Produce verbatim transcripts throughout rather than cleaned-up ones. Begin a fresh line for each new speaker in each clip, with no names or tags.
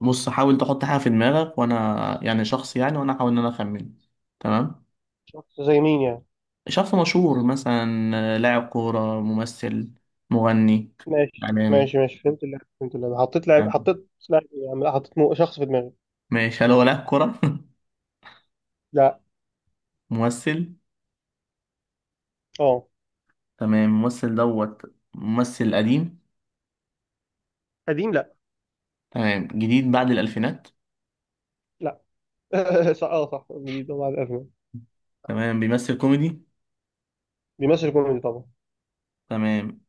بص، حاول تحط حاجة في دماغك وأنا يعني شخص، يعني وأنا أحاول إن أنا أخمن. تمام.
شخص زي مين يعني؟
شخص مشهور مثلا. آه، لاعب كورة ممثل. مغني.
ماشي
إعلامي.
ماشي ماشي، فهمت اللعبة فهمت اللعبة. حطيت لاعب
تمام.
حطيت لاعب إيه؟ يعني حطيت مو- شخص في دماغي.
ماشي، هل هو لاعب كورة؟
لا.
ممثل.
اه.
تمام، ممثل دوت. ممثل قديم.
قديم، لا.
تمام، جديد بعد الألفينات.
لا. صح، اه صح، جديد طبعا، الأزمة.
تمام، بيمثل كوميدي.
بيمثل كوميدي طبعا.
تمام.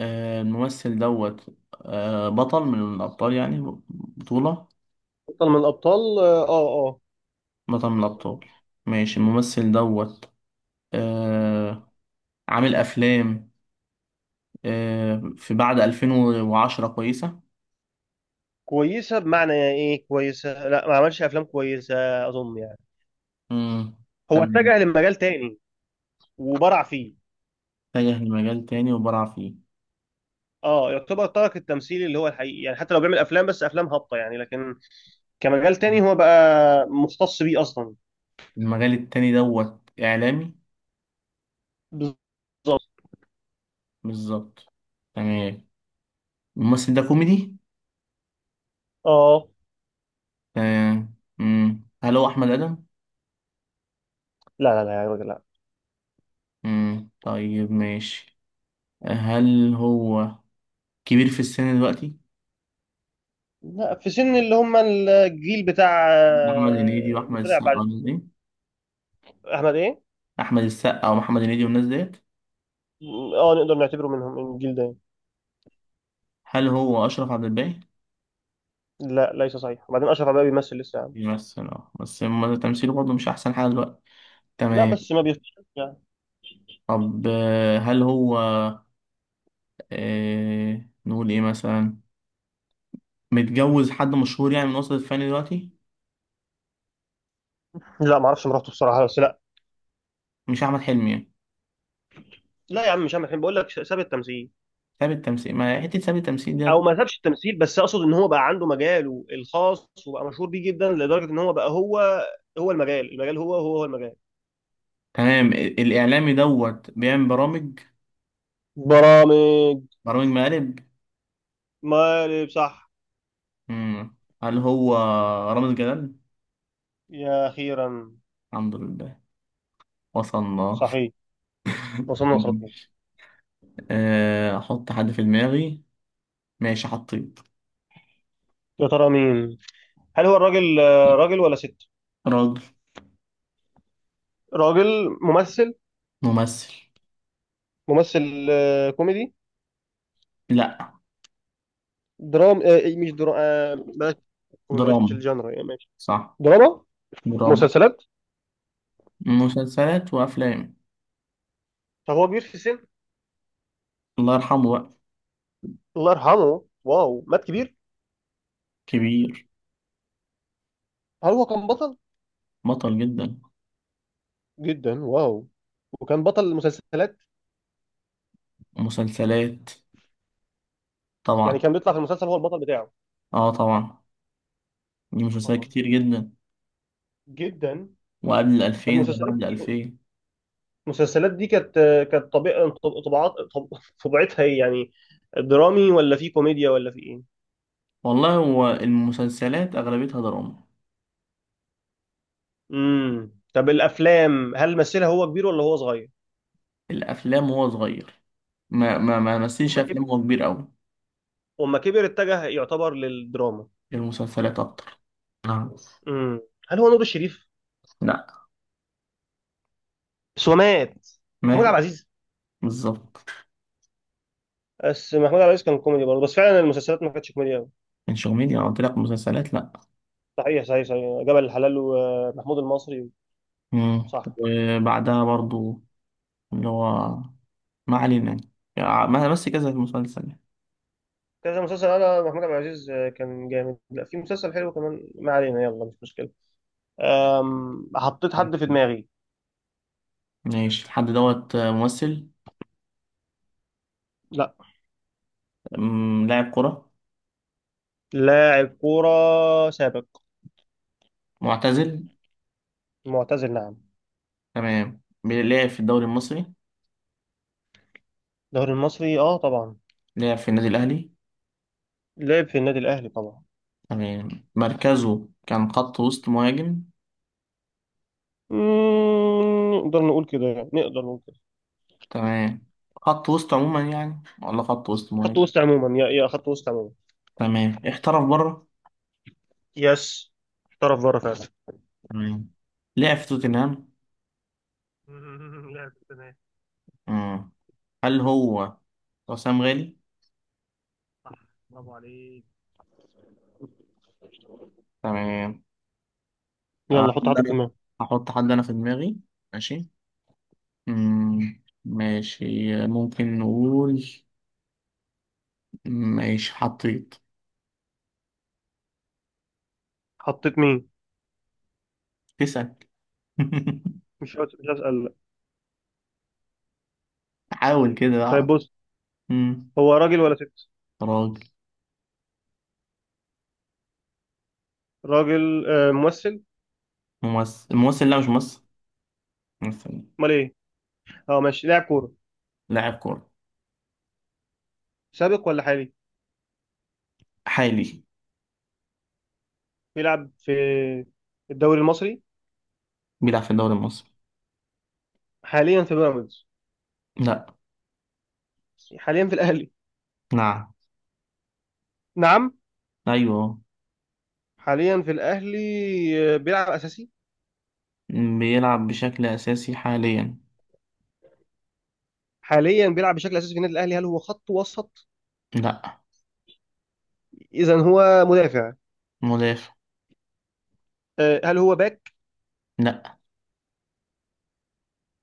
آه، الممثل دوت. آه، بطل من الأبطال يعني. بطولة.
بطل من الأبطال، اه اه آه.
بطل من الأبطال. ماشي، الممثل دوت. آه، عامل افلام. آه، في بعد ألفين وعشرة كويسه.
كويسة بمعنى ايه؟ كويسة، لا ما عملش أفلام كويسة أظن يعني.
امم.
هو
تمام.
اتجه لمجال تاني وبرع فيه.
اتجه لمجال تاني وبرع فيه.
اه يعتبر ترك التمثيل اللي هو الحقيقي يعني، حتى لو بيعمل أفلام بس أفلام هابطة يعني، لكن كمجال تاني هو بقى مختص بيه أصلا.
المجال التاني دوت اعلامي.
بالظبط.
بالظبط. تمام. الممثل ده كوميدي.
اه.
تمام. امم هل هو احمد ادم؟
لا لا لا يا راجل لا.
امم طيب ماشي. هل هو كبير في السن دلوقتي؟
لا، في سن اللي هم الجيل بتاع
محمد هنيدي
آه، اللي
واحمد
طلع
السقا
بعد.
والناس دي؟
احمد ايه؟
احمد السقا ومحمد هنيدي والناس ديت.
اه، نقدر نعتبره منهم من الجيل ده.
هل هو اشرف عبد الباقي؟
لا ليس صحيح، وبعدين اشرف عباية بيمثل لسه يا عم.
بيمثل اه بس ما- تمثيله برضه مش احسن حاجه دلوقتي.
لا
تمام.
بس ما بيفتش يعني.
طب آه، هل هو؟ آه نقول ايه مثلا؟ متجوز حد مشهور يعني من وسط الفن دلوقتي؟
لا ما اعرفش مراته بصراحه، بس لا.
مش احمد حلمي يعني؟
لا يا عم مش عم الحين بقول لك ساب التمثيل.
ثابت تمثيل ما حته ثابت تمثيل
او
ديت.
ما سابش التمثيل بس اقصد ان هو بقى عنده مجاله الخاص وبقى مشهور بيه جدا لدرجه ان هو بقى هو هو المجال، المجال هو هو هو المجال.
تمام. ال- الاعلامي دوت بيعمل برامج.
برامج.
برامج مقالب.
مقالب صح.
مم. هل هو رامز جلال؟
يا اخيرا.
الحمد لله، وصلنا.
صحيح. وصلنا للخطوه.
ماشي. آه، احط حد في دماغي. ماشي، حطيت.
يا ترى مين؟ هل هو الراجل آه، راجل ولا ست؟
راجل.
راجل ممثل.
ممثل.
ممثل آه، كوميدي.
لا.
درام آه، إيه، مش درام آه، بلاش. بلاش
دراما.
الجانرا يعني ماشي.
صح.
دراما.
دراما.
مسلسلات.
مسلسلات وافلام.
طب هو كبير في السن؟
الله يرحمه بقى.
الله يرحمه، واو مات كبير.
كبير.
هل هو كان بطل؟
بطل جدا.
جدا، واو. وكان بطل المسلسلات.
مسلسلات.
يعني
طبعا.
كان بيطلع في المسلسل هو البطل بتاعه.
اه طبعا. دي مسلسلات
طبعا.
كتير جدا.
جدا.
وقبل
طب
الألفين زي ما
المسلسلات
قبل
دي،
الألفين.
المسلسلات دي كانت، كانت طبيعة طبعات طب- طبيعتها ايه يعني؟ درامي ولا في كوميديا ولا في ايه؟
والله هو المسلسلات أغلبيتها دراما.
امم، طب الافلام هل مثلها هو كبير ولا هو صغير؟
الأفلام وهو صغير. ما ما ما مثلش
وما كبر،
أفلام وهو كبير أوي.
وما كبر اتجه يعتبر للدراما.
المسلسلات أكتر. نعم.
امم، هل هو نور الشريف؟
لا.
بس هو مات. محمود
ما.
عبد العزيز.
بالظبط.
بس محمود عبد العزيز كان كوميدي برضه، بس فعلا المسلسلات ما كانتش كوميدي قوي.
من شغمين أنا قلت لك مسلسلات لا.
صحيح صحيح صحيح، جبل الحلال ومحمود المصري.
مم.
صح.
وبعدها برضو، اللي هو، ما علينا. يعني ما- بس كذا مسلسل.
كذا مسلسل، انا محمود عبد العزيز كان جامد، لا في مسلسل حلو كمان، ما علينا يلا مش مشكله. أم... حطيت حد في دماغي.
ماشي، الحد دوت ممثل.
لا.
أمم، لاعب كرة.
لاعب كوره سابق.
معتزل.
معتزل نعم.
تمام، لعب في الدوري المصري.
الدوري المصري، اه طبعا.
لعب في النادي الأهلي.
لعب في النادي الأهلي طبعا.
تمام، مركزه كان خط وسط مهاجم.
مم، نقدر نقول كده يعني، نقدر نقول كده.
تمام، خط وسط عموما يعني، ولا خط وسط
خط
مهاجم؟
وسط عموما، يا يا خط وسط عموما.
تمام، احترف بره.
يس. احترف بره فعلا.
تمام. لعب في توتنهام.
لعب تمام.
مم. هل هو حسام غالي؟
صح، برافو عليك.
تمام. آه،
يلا حط حد في
أنا
دماغك.
هحط حد أنا في دماغي. ماشي. مم. ماشي. ممكن نقول. ماشي، حطيت.
حطيت مين؟
تسأل.
مش هس- مش هسأل لا.
حاول كده
طيب
اعرف.
بص.
امم.
هو راجل ولا ست؟
راجل.
راجل آه، ممثل.
ممثل؟ الممثل؟ لا، مش ممثل. ممثل.
امال ايه؟ اه ماشي، لاعب كورة.
لاعب كورة.
سابق ولا حالي؟
حالي.
بيلعب في الدوري المصري.
بيلعب في الدوري المصري.
حاليا في بيراميدز.
لا.
حاليا في الأهلي.
نعم.
نعم.
ايوه.
حاليا في الأهلي آه، بيلعب أساسي.
مم، بيلعب بشكل اساسي حاليا.
حاليا بيلعب بشكل اساسي في النادي الاهلي. هل هو خط وسط؟
لا.
اذا هو مدافع.
مدافع.
آه، هل هو باك؟
لا.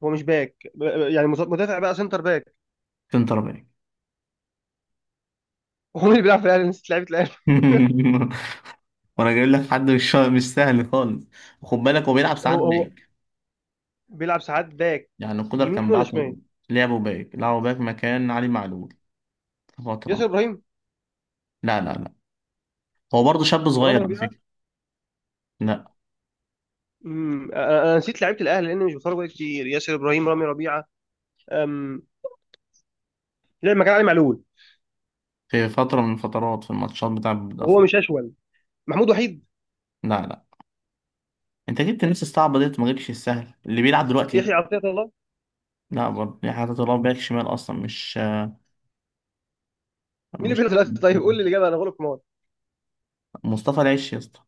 هو مش باك، ب- ب- يعني مز- مدافع بقى، سنتر باك.
سنتر باك.
هو مين اللي بيلعب في الاهلي، نسيت لعيبه الاهلي.
وانا جايب لك حد مش مش سهل خالص. وخد بالك هو بيلعب ساعات
هو هو
باك.
بيلعب ساعات باك؟
يعني القدر كان
يمين ولا
بعته.
شمال؟
لعبه باك لعبه باك مكان علي معلول. في
ياسر
فترة.
ابراهيم.
لا لا لا. هو برضه شاب
رامي
صغير على
ربيعه.
فكرة. لا.
امم، انا أنا نسيت لعيبه الاهلي لان مش بتفرج بقى كتير. ياسر ابراهيم، رامي ربيعه. أم... لعب مكان علي معلول،
في فترة من الفترات في الماتشات بتاع.
وهو مش اشول. محمود وحيد.
لا لا. انت جبت الناس الصعبة ديت، ما جبتش السهل اللي بيلعب دلوقتي.
يحيى عطيه الله.
لا برضه يعني، حاطط الله باك شمال اصلا، مش
مين اللي
مش
بيلعب في الاهلي؟ طيب قول لي الاجابه، انا غلط في.
مصطفى العش يا اسطى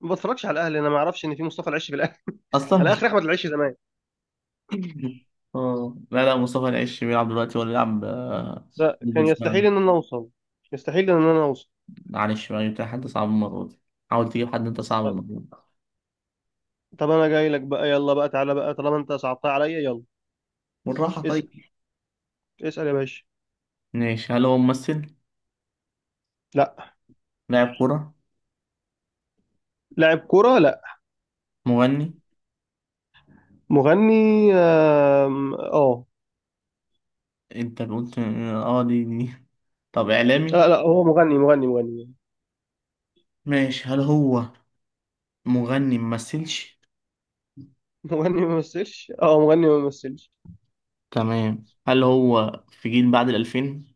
ما بتفرجش على الاهلي، انا ما اعرفش ان في مصطفى العش في الاهلي.
اصلا.
انا اخر احمد العش زمان.
اه، لا لا، مصطفى العش بيلعب دلوقتي ولا يلعب آه،
لا
ضد
كان يستحيل
الشمال.
ان انا اوصل. يستحيل ان انا اوصل.
معلش بقى، جبت حد صعب المرة دي. حاول تجيب حد انت صعب
طب
المرة دي.
طب انا جاي لك بقى يلا بقى، تعالى بقى طالما انت صعبتها عليا يلا.
بالراحة
اسال،
طيب.
اسال يا باشا.
ماشي، هل هو ممثل؟
لا.
لاعب كورة؟
لاعب كوره لا.
مغني؟
مغني. آم، اه.
انت قلت. اه، دي دي. طب اعلامي؟
لا لا، هو مغني مغني مغني.
ماشي، هل هو مغني ممثلش؟
مغني ما مثلش، اه مغني ما مثلش.
تمام. هل هو في جيل بعد الألفين؟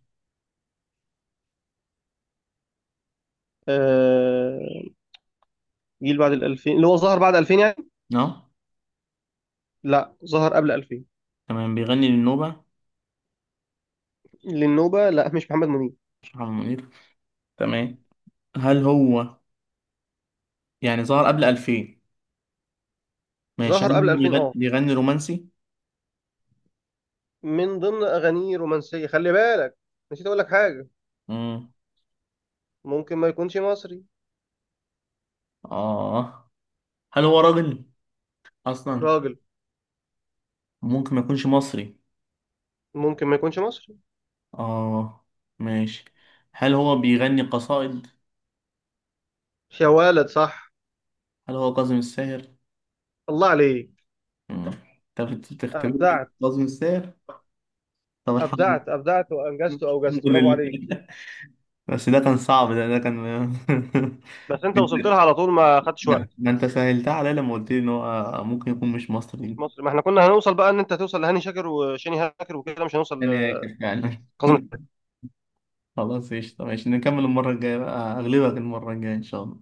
آه، جيل بعد ال ألفين، اللي هو ظهر بعد ألفين يعني.
اه.
لا ظهر قبل ألفين.
تمام، بيغني للنوبة؟
للنوبه لا، مش محمد منير.
مش محمد منير. تمام. هل هو، يعني ظهر قبل ألفين. ماشي، هل
ظهر قبل
هو
ألفين
بيغني,
اه.
بيغني رومانسي؟
من ضمن اغانيه رومانسيه خلي بالك. نسيت اقول لك حاجه.
مم.
ممكن ما يكونش مصري.
اه. هل هو راجل أصلا؟
راجل.
ممكن ما يكونش مصري.
ممكن ما يكونش مصري.
اه، ماشي. هل هو بيغني قصائد؟
يا ولد صح.
هل هو كاظم الساهر؟
الله عليك.
مم. انت بت- بتختبرني في
ابدعت،
كاظم الساهر؟ طب الحمد
ابدعت ابدعت
لله.
وانجزت واوجزت برافو
الحمد
عليك.
لله. بس ده كان صعب، ده ده كان.
بس انت وصلت لها على طول ما خدتش
ما
وقت.
ما انت سهلتها عليا لما قلت لي ان هو ممكن يكون مش
مش
مصري.
مصري. ما احنا كنا هنوصل بقى ان انت توصل لهاني شاكر وشيني هاكر وكده، مش هنوصل
يعني هيك فعلا.
لكاظم الساهر.
خلاص قشطة، ماشي نكمل المرة الجاية بقى، اغلبك المرة الجاية ان شاء الله.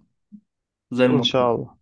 زي
ان شاء
المرة.
الله.